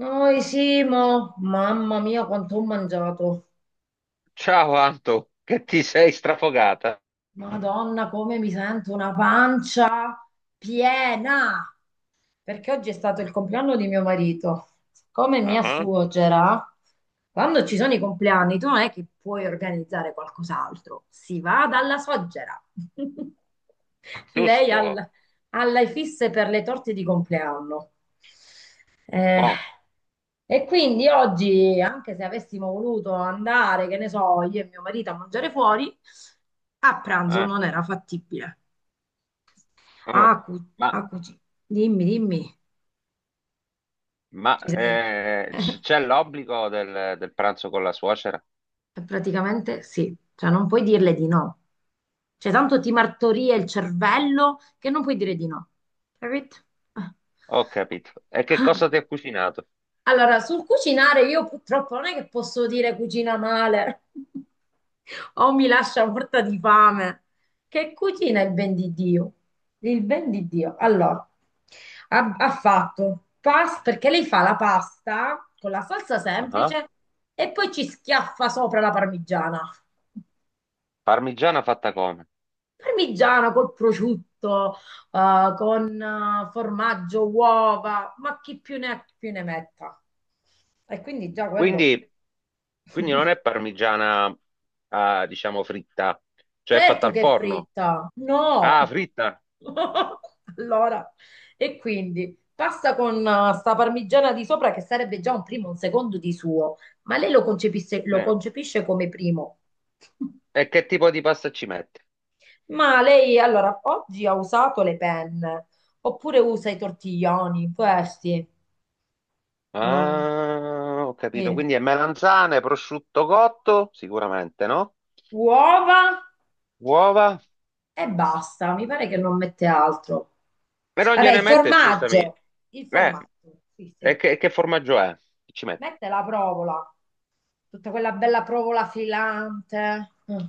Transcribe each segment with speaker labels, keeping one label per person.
Speaker 1: Noi Simo, mamma mia quanto ho mangiato.
Speaker 2: Ciao Anto, che ti sei strafogata?
Speaker 1: Madonna, come mi sento una pancia piena. Perché oggi è stato il compleanno di mio marito. Come mia
Speaker 2: Ah,
Speaker 1: suocera, quando ci sono i compleanni, tu non è che puoi organizzare qualcos'altro, si va dalla suocera. Lei
Speaker 2: Giusto,
Speaker 1: al- Alla fisse per le torte di compleanno. Eh,
Speaker 2: buono.
Speaker 1: e quindi oggi, anche se avessimo voluto andare, che ne so, io e mio marito a mangiare fuori, a pranzo
Speaker 2: Eh,
Speaker 1: non era fattibile. Ah,
Speaker 2: oh.
Speaker 1: cu- ah,
Speaker 2: Ma,
Speaker 1: cuci- Dimmi, dimmi. Ci sei?
Speaker 2: C'è l'obbligo del pranzo con la suocera?
Speaker 1: Praticamente sì, cioè non puoi dirle di no. Cioè tanto ti martoria il cervello che non puoi dire di no. Capito?
Speaker 2: Ho capito. E che cosa
Speaker 1: Eh.
Speaker 2: ti ha cucinato?
Speaker 1: Allora, sul cucinare io purtroppo non è che posso dire cucina male o mi lascia morta di fame. Che cucina il ben di Dio? Il ben di Dio. Allora, ha fatto pasta perché lei fa la pasta con la salsa
Speaker 2: Ah.
Speaker 1: semplice e poi ci schiaffa sopra la parmigiana.
Speaker 2: Parmigiana fatta come?
Speaker 1: Parmigiana col prosciutto, con formaggio, uova, ma chi più ne ha più ne metta. E quindi già quello,
Speaker 2: Quindi, quindi non è parmigiana, ah, diciamo, fritta, cioè è fatta
Speaker 1: certo
Speaker 2: al
Speaker 1: che è
Speaker 2: forno.
Speaker 1: fritta, no.
Speaker 2: Ah, fritta?
Speaker 1: Allora, e quindi pasta con sta parmigiana di sopra che sarebbe già un primo, un secondo di suo, ma lo
Speaker 2: Eh.
Speaker 1: concepisce come primo.
Speaker 2: E che tipo di pasta ci metti?
Speaker 1: Ma lei allora oggi ha usato le penne, oppure usa i tortiglioni, questi. Non...
Speaker 2: Ah, ho capito.
Speaker 1: sì.
Speaker 2: Quindi è melanzane, prosciutto cotto, sicuramente, no?
Speaker 1: Uova
Speaker 2: Uova.
Speaker 1: e basta, mi pare che non mette altro.
Speaker 2: E non
Speaker 1: Vabbè,
Speaker 2: gliene
Speaker 1: il
Speaker 2: mette, scusami.
Speaker 1: formaggio, il
Speaker 2: Eh,
Speaker 1: formaggio, sì,
Speaker 2: e
Speaker 1: sì.
Speaker 2: che formaggio è? Chi ci mette?
Speaker 1: Mette la provola, tutta quella bella provola filante. Mm.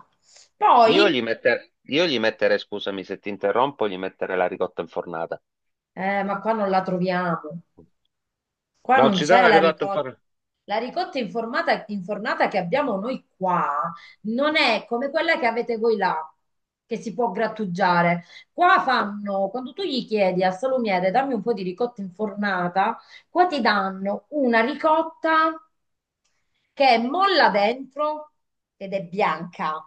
Speaker 1: Poi,
Speaker 2: Io gli metterei, scusami se ti interrompo, gli metterei la ricotta infornata.
Speaker 1: ma qua non la troviamo. Qua
Speaker 2: Non
Speaker 1: non
Speaker 2: ci dà
Speaker 1: c'è
Speaker 2: la
Speaker 1: la
Speaker 2: ricotta
Speaker 1: ricotta.
Speaker 2: infornata?
Speaker 1: Infornata che abbiamo noi qua non è come quella che avete voi là, che si può grattugiare. Qua fanno, quando tu gli chiedi al salumiere, dammi un po' di ricotta infornata, qua ti danno una ricotta che è molla dentro ed è bianca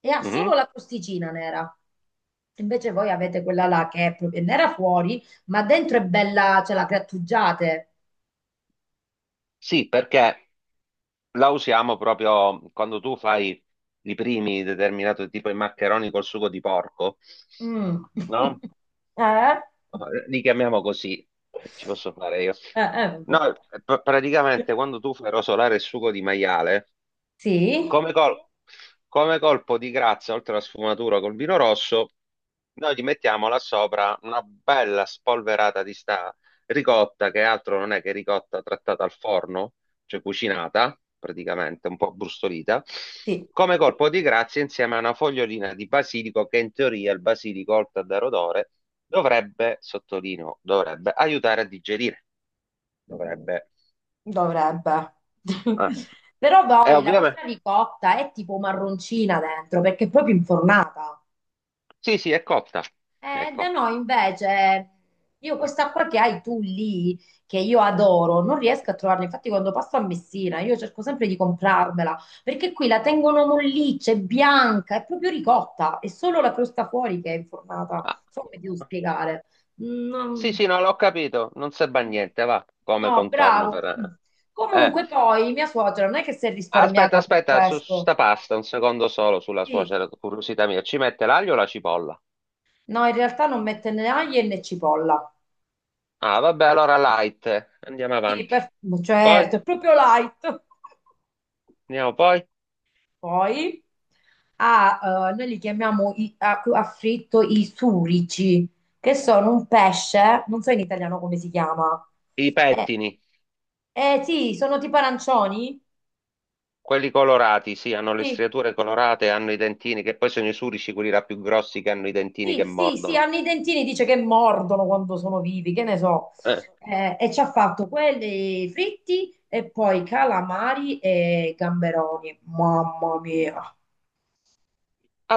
Speaker 1: e ha solo
Speaker 2: Mhm.
Speaker 1: la crosticina nera. Invece voi avete quella là che è proprio nera fuori, ma dentro è bella, ce la grattugiate.
Speaker 2: Sì, perché la usiamo proprio quando tu fai i primi determinato tipo i maccheroni col sugo di porco,
Speaker 1: Mm.
Speaker 2: no?
Speaker 1: Eh?
Speaker 2: No, li chiamiamo così, ci posso fare io.
Speaker 1: Vabbè.
Speaker 2: No, praticamente quando tu fai rosolare il sugo di maiale,
Speaker 1: Sì,
Speaker 2: come, col- come colpo di grazia, oltre alla sfumatura col vino rosso, noi gli mettiamo là sopra una bella spolverata di sta ricotta, che altro non è che ricotta trattata al forno, cioè cucinata, praticamente, un po' brustolita.
Speaker 1: sì,
Speaker 2: Come colpo di grazia, insieme a una fogliolina di basilico, che in teoria il basilico, oltre a dare odore, dovrebbe, sottolineo, dovrebbe aiutare a digerire. Dovrebbe.
Speaker 1: dovrebbe.
Speaker 2: Eh.
Speaker 1: Però
Speaker 2: E
Speaker 1: poi la
Speaker 2: ovviamente.
Speaker 1: vostra ricotta è tipo marroncina dentro perché è proprio infornata.
Speaker 2: Sì, sì, è cotta. È
Speaker 1: Da
Speaker 2: cotta.
Speaker 1: noi invece, io questa acqua che hai tu lì, che io adoro, non riesco a trovarla. Infatti, quando passo a Messina, io cerco sempre di comprarmela, perché qui la tengono molliccia, è bianca, è proprio ricotta, è solo la crosta fuori che è infornata. Non
Speaker 2: Ah.
Speaker 1: so come ti devo spiegare.
Speaker 2: Sì,
Speaker 1: No,
Speaker 2: sì, no, l'ho capito. Non serve a niente, va, come
Speaker 1: no,
Speaker 2: contorno
Speaker 1: bravo.
Speaker 2: per... Eh, Eh,
Speaker 1: Comunque, poi mia suocera non è che si è
Speaker 2: aspetta,
Speaker 1: risparmiata per
Speaker 2: aspetta, su
Speaker 1: questo.
Speaker 2: sta pasta, un secondo solo sulla
Speaker 1: Sì,
Speaker 2: suocera, curiosità mia. Ci mette l'aglio o la cipolla?
Speaker 1: no, in realtà non mette né aglio né cipolla.
Speaker 2: Ah, vabbè, allora light. Andiamo
Speaker 1: Sì,
Speaker 2: avanti.
Speaker 1: per-
Speaker 2: Poi,
Speaker 1: certo, è proprio light.
Speaker 2: andiamo poi.
Speaker 1: Poi ha, noi li chiamiamo a fritto i surici, che sono un pesce, non so in italiano come si chiama.
Speaker 2: I
Speaker 1: Eh,
Speaker 2: pettini,
Speaker 1: sì, sono tipo arancioni.
Speaker 2: quelli colorati, sì, hanno le
Speaker 1: Sì,
Speaker 2: striature colorate, hanno i dentini, che poi sono i surici, quelli là più grossi che hanno i dentini che
Speaker 1: sì, sì, sì,
Speaker 2: mordono.
Speaker 1: hanno i dentini, dice che mordono quando sono vivi, che ne so.
Speaker 2: Eh.
Speaker 1: E ci ha fatto quelli fritti e poi calamari e gamberoni. Mamma mia,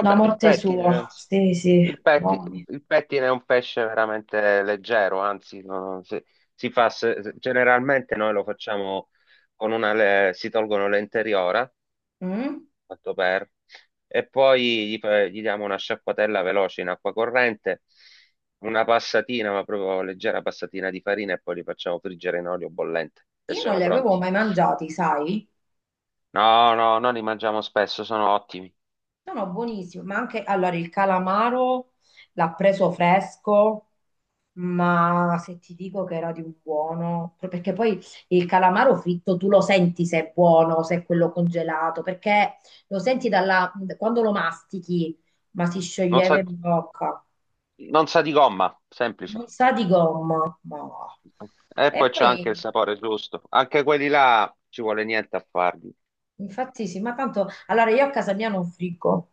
Speaker 1: la
Speaker 2: il
Speaker 1: morte
Speaker 2: pettine,
Speaker 1: sua.
Speaker 2: anzi.
Speaker 1: Sì, sì,
Speaker 2: Il petti-
Speaker 1: buoni.
Speaker 2: il pettine è un pesce veramente leggero, anzi, si, si fa, generalmente noi lo facciamo con una, si tolgono l'interiora,
Speaker 1: Mm?
Speaker 2: fatto per, e poi gli diamo una sciacquatella veloce in acqua corrente, una passatina, ma proprio leggera passatina di farina e poi li facciamo friggere in olio bollente e
Speaker 1: Io non
Speaker 2: sono
Speaker 1: li avevo
Speaker 2: pronti.
Speaker 1: mai mangiati, sai?
Speaker 2: No, no, noi li mangiamo spesso, sono ottimi.
Speaker 1: Sono buonissimi, ma anche allora il calamaro l'ha preso fresco, ma se ti dico che era di un buono, perché poi il calamaro fritto tu lo senti se è buono, se è quello congelato, perché lo senti dalla, quando lo mastichi, ma si
Speaker 2: Non sa,
Speaker 1: scioglieva in bocca,
Speaker 2: non sa di gomma, semplice.
Speaker 1: non sa di gomma, ma...
Speaker 2: E
Speaker 1: E
Speaker 2: poi c'è
Speaker 1: poi
Speaker 2: anche il sapore giusto. Anche quelli là ci vuole niente a farli.
Speaker 1: infatti sì, ma tanto allora io a casa mia non friggo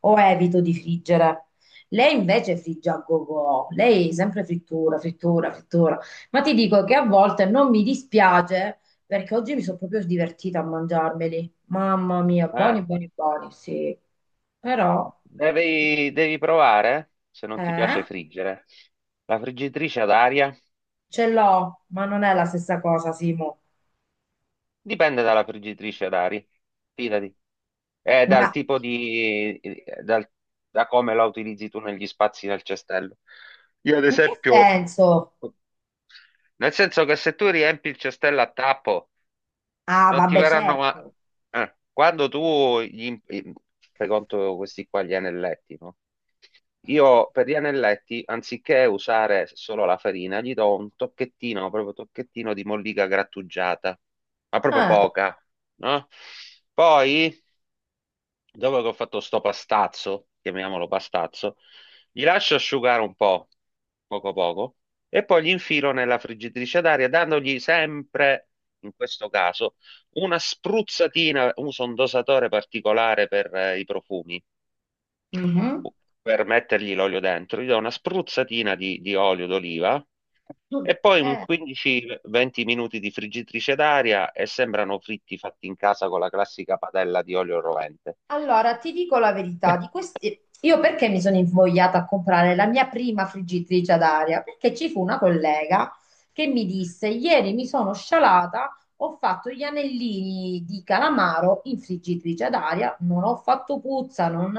Speaker 1: o evito di friggere. Lei invece frigge a go lei sempre frittura, frittura, frittura. Ma ti dico che a volte non mi dispiace perché oggi mi sono proprio divertita a mangiarmeli. Mamma mia, buoni,
Speaker 2: Ah.
Speaker 1: buoni, buoni, sì. Però
Speaker 2: Devi, devi provare, se non ti piace
Speaker 1: eh,
Speaker 2: friggere, la friggitrice ad aria.
Speaker 1: ce l'ho, ma non è la stessa cosa, Simo.
Speaker 2: Dipende dalla friggitrice ad aria, fidati. È dal
Speaker 1: Ma
Speaker 2: tipo di... dal- da come la utilizzi tu negli spazi del cestello. Io ad
Speaker 1: in che
Speaker 2: esempio,
Speaker 1: senso?
Speaker 2: nel senso che se tu riempi il cestello a tappo
Speaker 1: Ah,
Speaker 2: non ti
Speaker 1: vabbè,
Speaker 2: faranno ma...
Speaker 1: certo.
Speaker 2: quando tu gli... im- fai conto questi qua gli anelletti, no? Io per gli anelletti, anziché usare solo la farina, gli do un tocchettino, proprio tocchettino di mollica grattugiata, ma proprio
Speaker 1: Ah,
Speaker 2: poca, no? Poi dopo che ho fatto sto pastazzo, chiamiamolo pastazzo, gli lascio asciugare un po', poco poco, e poi li infilo nella friggitrice d'aria, dandogli sempre, in questo caso, una spruzzatina, uso un dosatore particolare per i profumi,
Speaker 1: mhm.
Speaker 2: per mettergli l'olio dentro, gli do una spruzzatina di olio d'oliva e poi un
Speaker 1: Eh.
Speaker 2: 15-20 minuti di friggitrice d'aria e sembrano fritti fatti in casa con la classica padella di olio rovente.
Speaker 1: Allora, ti dico la verità, di questi... io perché mi sono invogliata a comprare la mia prima friggitrice ad aria? Perché ci fu una collega che mi disse, ieri mi sono scialata, ho fatto gli anellini di calamaro in friggitrice ad aria, non ho fatto puzza, non...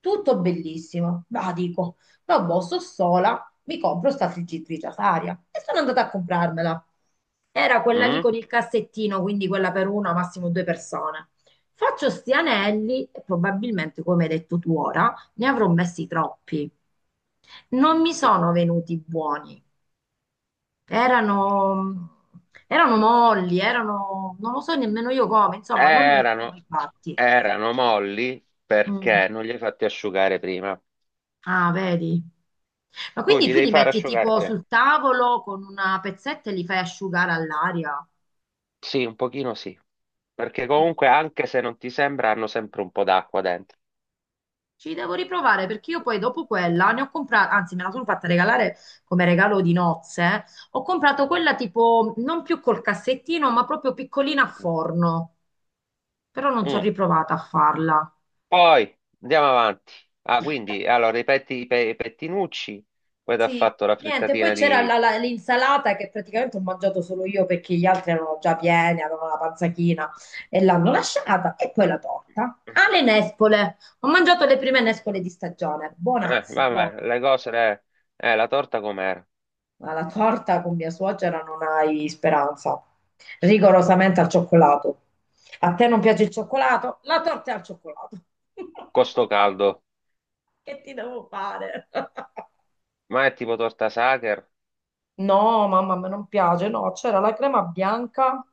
Speaker 1: tutto bellissimo. Ma dico, no, boh, sto sola, mi compro sta friggitrice ad aria. E sono andata a comprarmela. Era quella lì
Speaker 2: Mm?
Speaker 1: con il cassettino, quindi quella per una, massimo due persone. Faccio sti anelli e probabilmente, come hai detto tu ora, ne avrò messi troppi. Non mi
Speaker 2: Sì.
Speaker 1: sono venuti buoni. Erano, erano molli, erano, non lo so nemmeno io come, insomma, non li ho più
Speaker 2: Erano,
Speaker 1: rifatti.
Speaker 2: erano molli
Speaker 1: Mm.
Speaker 2: perché non li hai fatti asciugare prima.
Speaker 1: Ah, vedi? Ma
Speaker 2: Tu
Speaker 1: quindi
Speaker 2: li
Speaker 1: tu
Speaker 2: devi
Speaker 1: li
Speaker 2: fare
Speaker 1: metti
Speaker 2: asciugare
Speaker 1: tipo
Speaker 2: prima.
Speaker 1: sul tavolo con una pezzetta e li fai asciugare all'aria?
Speaker 2: Sì, un pochino sì. Perché comunque, anche se non ti sembra, hanno sempre un po' d'acqua dentro.
Speaker 1: Ci devo riprovare perché io poi dopo quella ne ho comprata, anzi me la sono fatta regalare come regalo di nozze. Eh. Ho comprato quella tipo non più col cassettino, ma proprio piccolina a forno. Però non ci ho
Speaker 2: Mm.
Speaker 1: riprovata a farla.
Speaker 2: Poi andiamo avanti. Ah,
Speaker 1: Eh,
Speaker 2: quindi allora ripeti i pettinucci, poi ti ha
Speaker 1: Sì,
Speaker 2: fatto la
Speaker 1: niente, poi
Speaker 2: frittatina
Speaker 1: c'era
Speaker 2: di.
Speaker 1: l'insalata che praticamente ho mangiato solo io perché gli altri erano già pieni, avevano la panza china e l'hanno lasciata. E poi la torta. Ah, le nespole. Ho mangiato le prime nespole di stagione. Buonazze,
Speaker 2: Vabbè,
Speaker 1: proprio.
Speaker 2: le cose. Le. La torta com'era?
Speaker 1: Ma la torta con mia suocera non hai speranza. Rigorosamente al cioccolato. A te non piace il cioccolato? La torta è al cioccolato.
Speaker 2: Costo caldo.
Speaker 1: Che ti devo fare?
Speaker 2: Ma è tipo torta Sacher?
Speaker 1: No, mamma, a me non piace. No, c'era la crema bianca,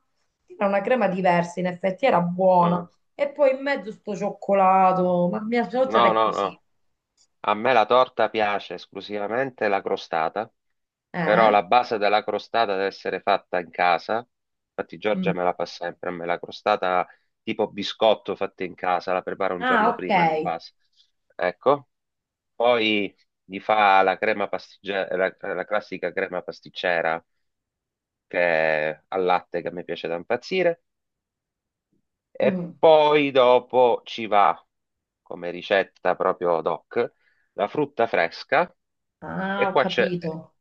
Speaker 1: era una crema diversa, in effetti era
Speaker 2: Eh,
Speaker 1: buona. E poi in mezzo sto cioccolato. Ma mia suocera
Speaker 2: No,
Speaker 1: è
Speaker 2: no,
Speaker 1: così.
Speaker 2: no. A me la torta piace esclusivamente la crostata, però
Speaker 1: Eh?
Speaker 2: la base della crostata deve essere fatta in casa. Infatti Giorgia
Speaker 1: Mm.
Speaker 2: me la fa sempre, a me la crostata tipo biscotto fatta in casa, la prepara un
Speaker 1: Ah,
Speaker 2: giorno prima di
Speaker 1: ok.
Speaker 2: base. Ecco, poi gli fa la crema pastiggera, la classica crema pasticcera che è al latte che a me piace da impazzire e
Speaker 1: Mm.
Speaker 2: poi dopo ci va come ricetta proprio doc la frutta fresca
Speaker 1: Ah,
Speaker 2: e
Speaker 1: ho
Speaker 2: qua c'è.
Speaker 1: capito.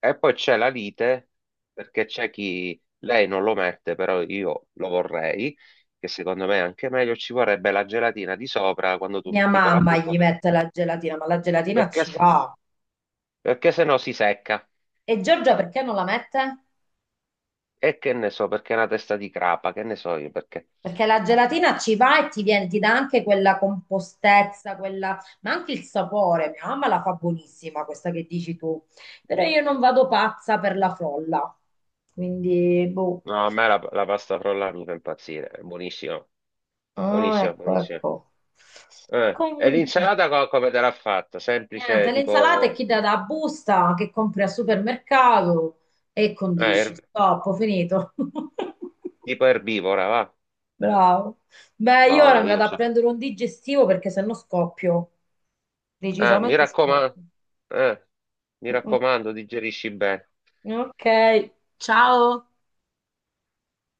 Speaker 2: E poi c'è la lite, perché c'è chi lei non lo mette, però io lo vorrei, che secondo me è anche meglio, ci vorrebbe la gelatina di sopra quando tu
Speaker 1: Mia
Speaker 2: metti poi la
Speaker 1: mamma
Speaker 2: frutta,
Speaker 1: gli mette la gelatina, ma la gelatina
Speaker 2: perché,
Speaker 1: ci va.
Speaker 2: perché se no si secca.
Speaker 1: E Giorgia perché non la mette?
Speaker 2: E che ne so, perché è una testa di crapa, che ne so io, perché...
Speaker 1: Perché la gelatina ci va e ti viene, ti dà anche quella compostezza, quella, ma anche il sapore. Mia mamma la fa buonissima, questa che dici tu. Però io non vado pazza per la frolla. Quindi, boh.
Speaker 2: No, a me la pasta frolla mi fa impazzire, è buonissima,
Speaker 1: Ah,
Speaker 2: buonissima,
Speaker 1: ecco,
Speaker 2: buonissima.
Speaker 1: ecco.
Speaker 2: E
Speaker 1: Comunque,
Speaker 2: l'insalata come te l'ha fatta? Semplice,
Speaker 1: niente, le insalate
Speaker 2: tipo,
Speaker 1: chi dà da busta, che compri al supermercato e
Speaker 2: eh,
Speaker 1: condisci.
Speaker 2: er-
Speaker 1: Stop, ho finito.
Speaker 2: tipo erbivora, va?
Speaker 1: Bravo. Beh,
Speaker 2: No,
Speaker 1: io ora
Speaker 2: no,
Speaker 1: mi
Speaker 2: io
Speaker 1: vado a
Speaker 2: c'ho.
Speaker 1: prendere un digestivo perché sennò scoppio.
Speaker 2: Ah,
Speaker 1: Decisamente scoppio.
Speaker 2: eh, mi
Speaker 1: Mm,
Speaker 2: raccomando, digerisci bene.
Speaker 1: mm. Ok, ciao.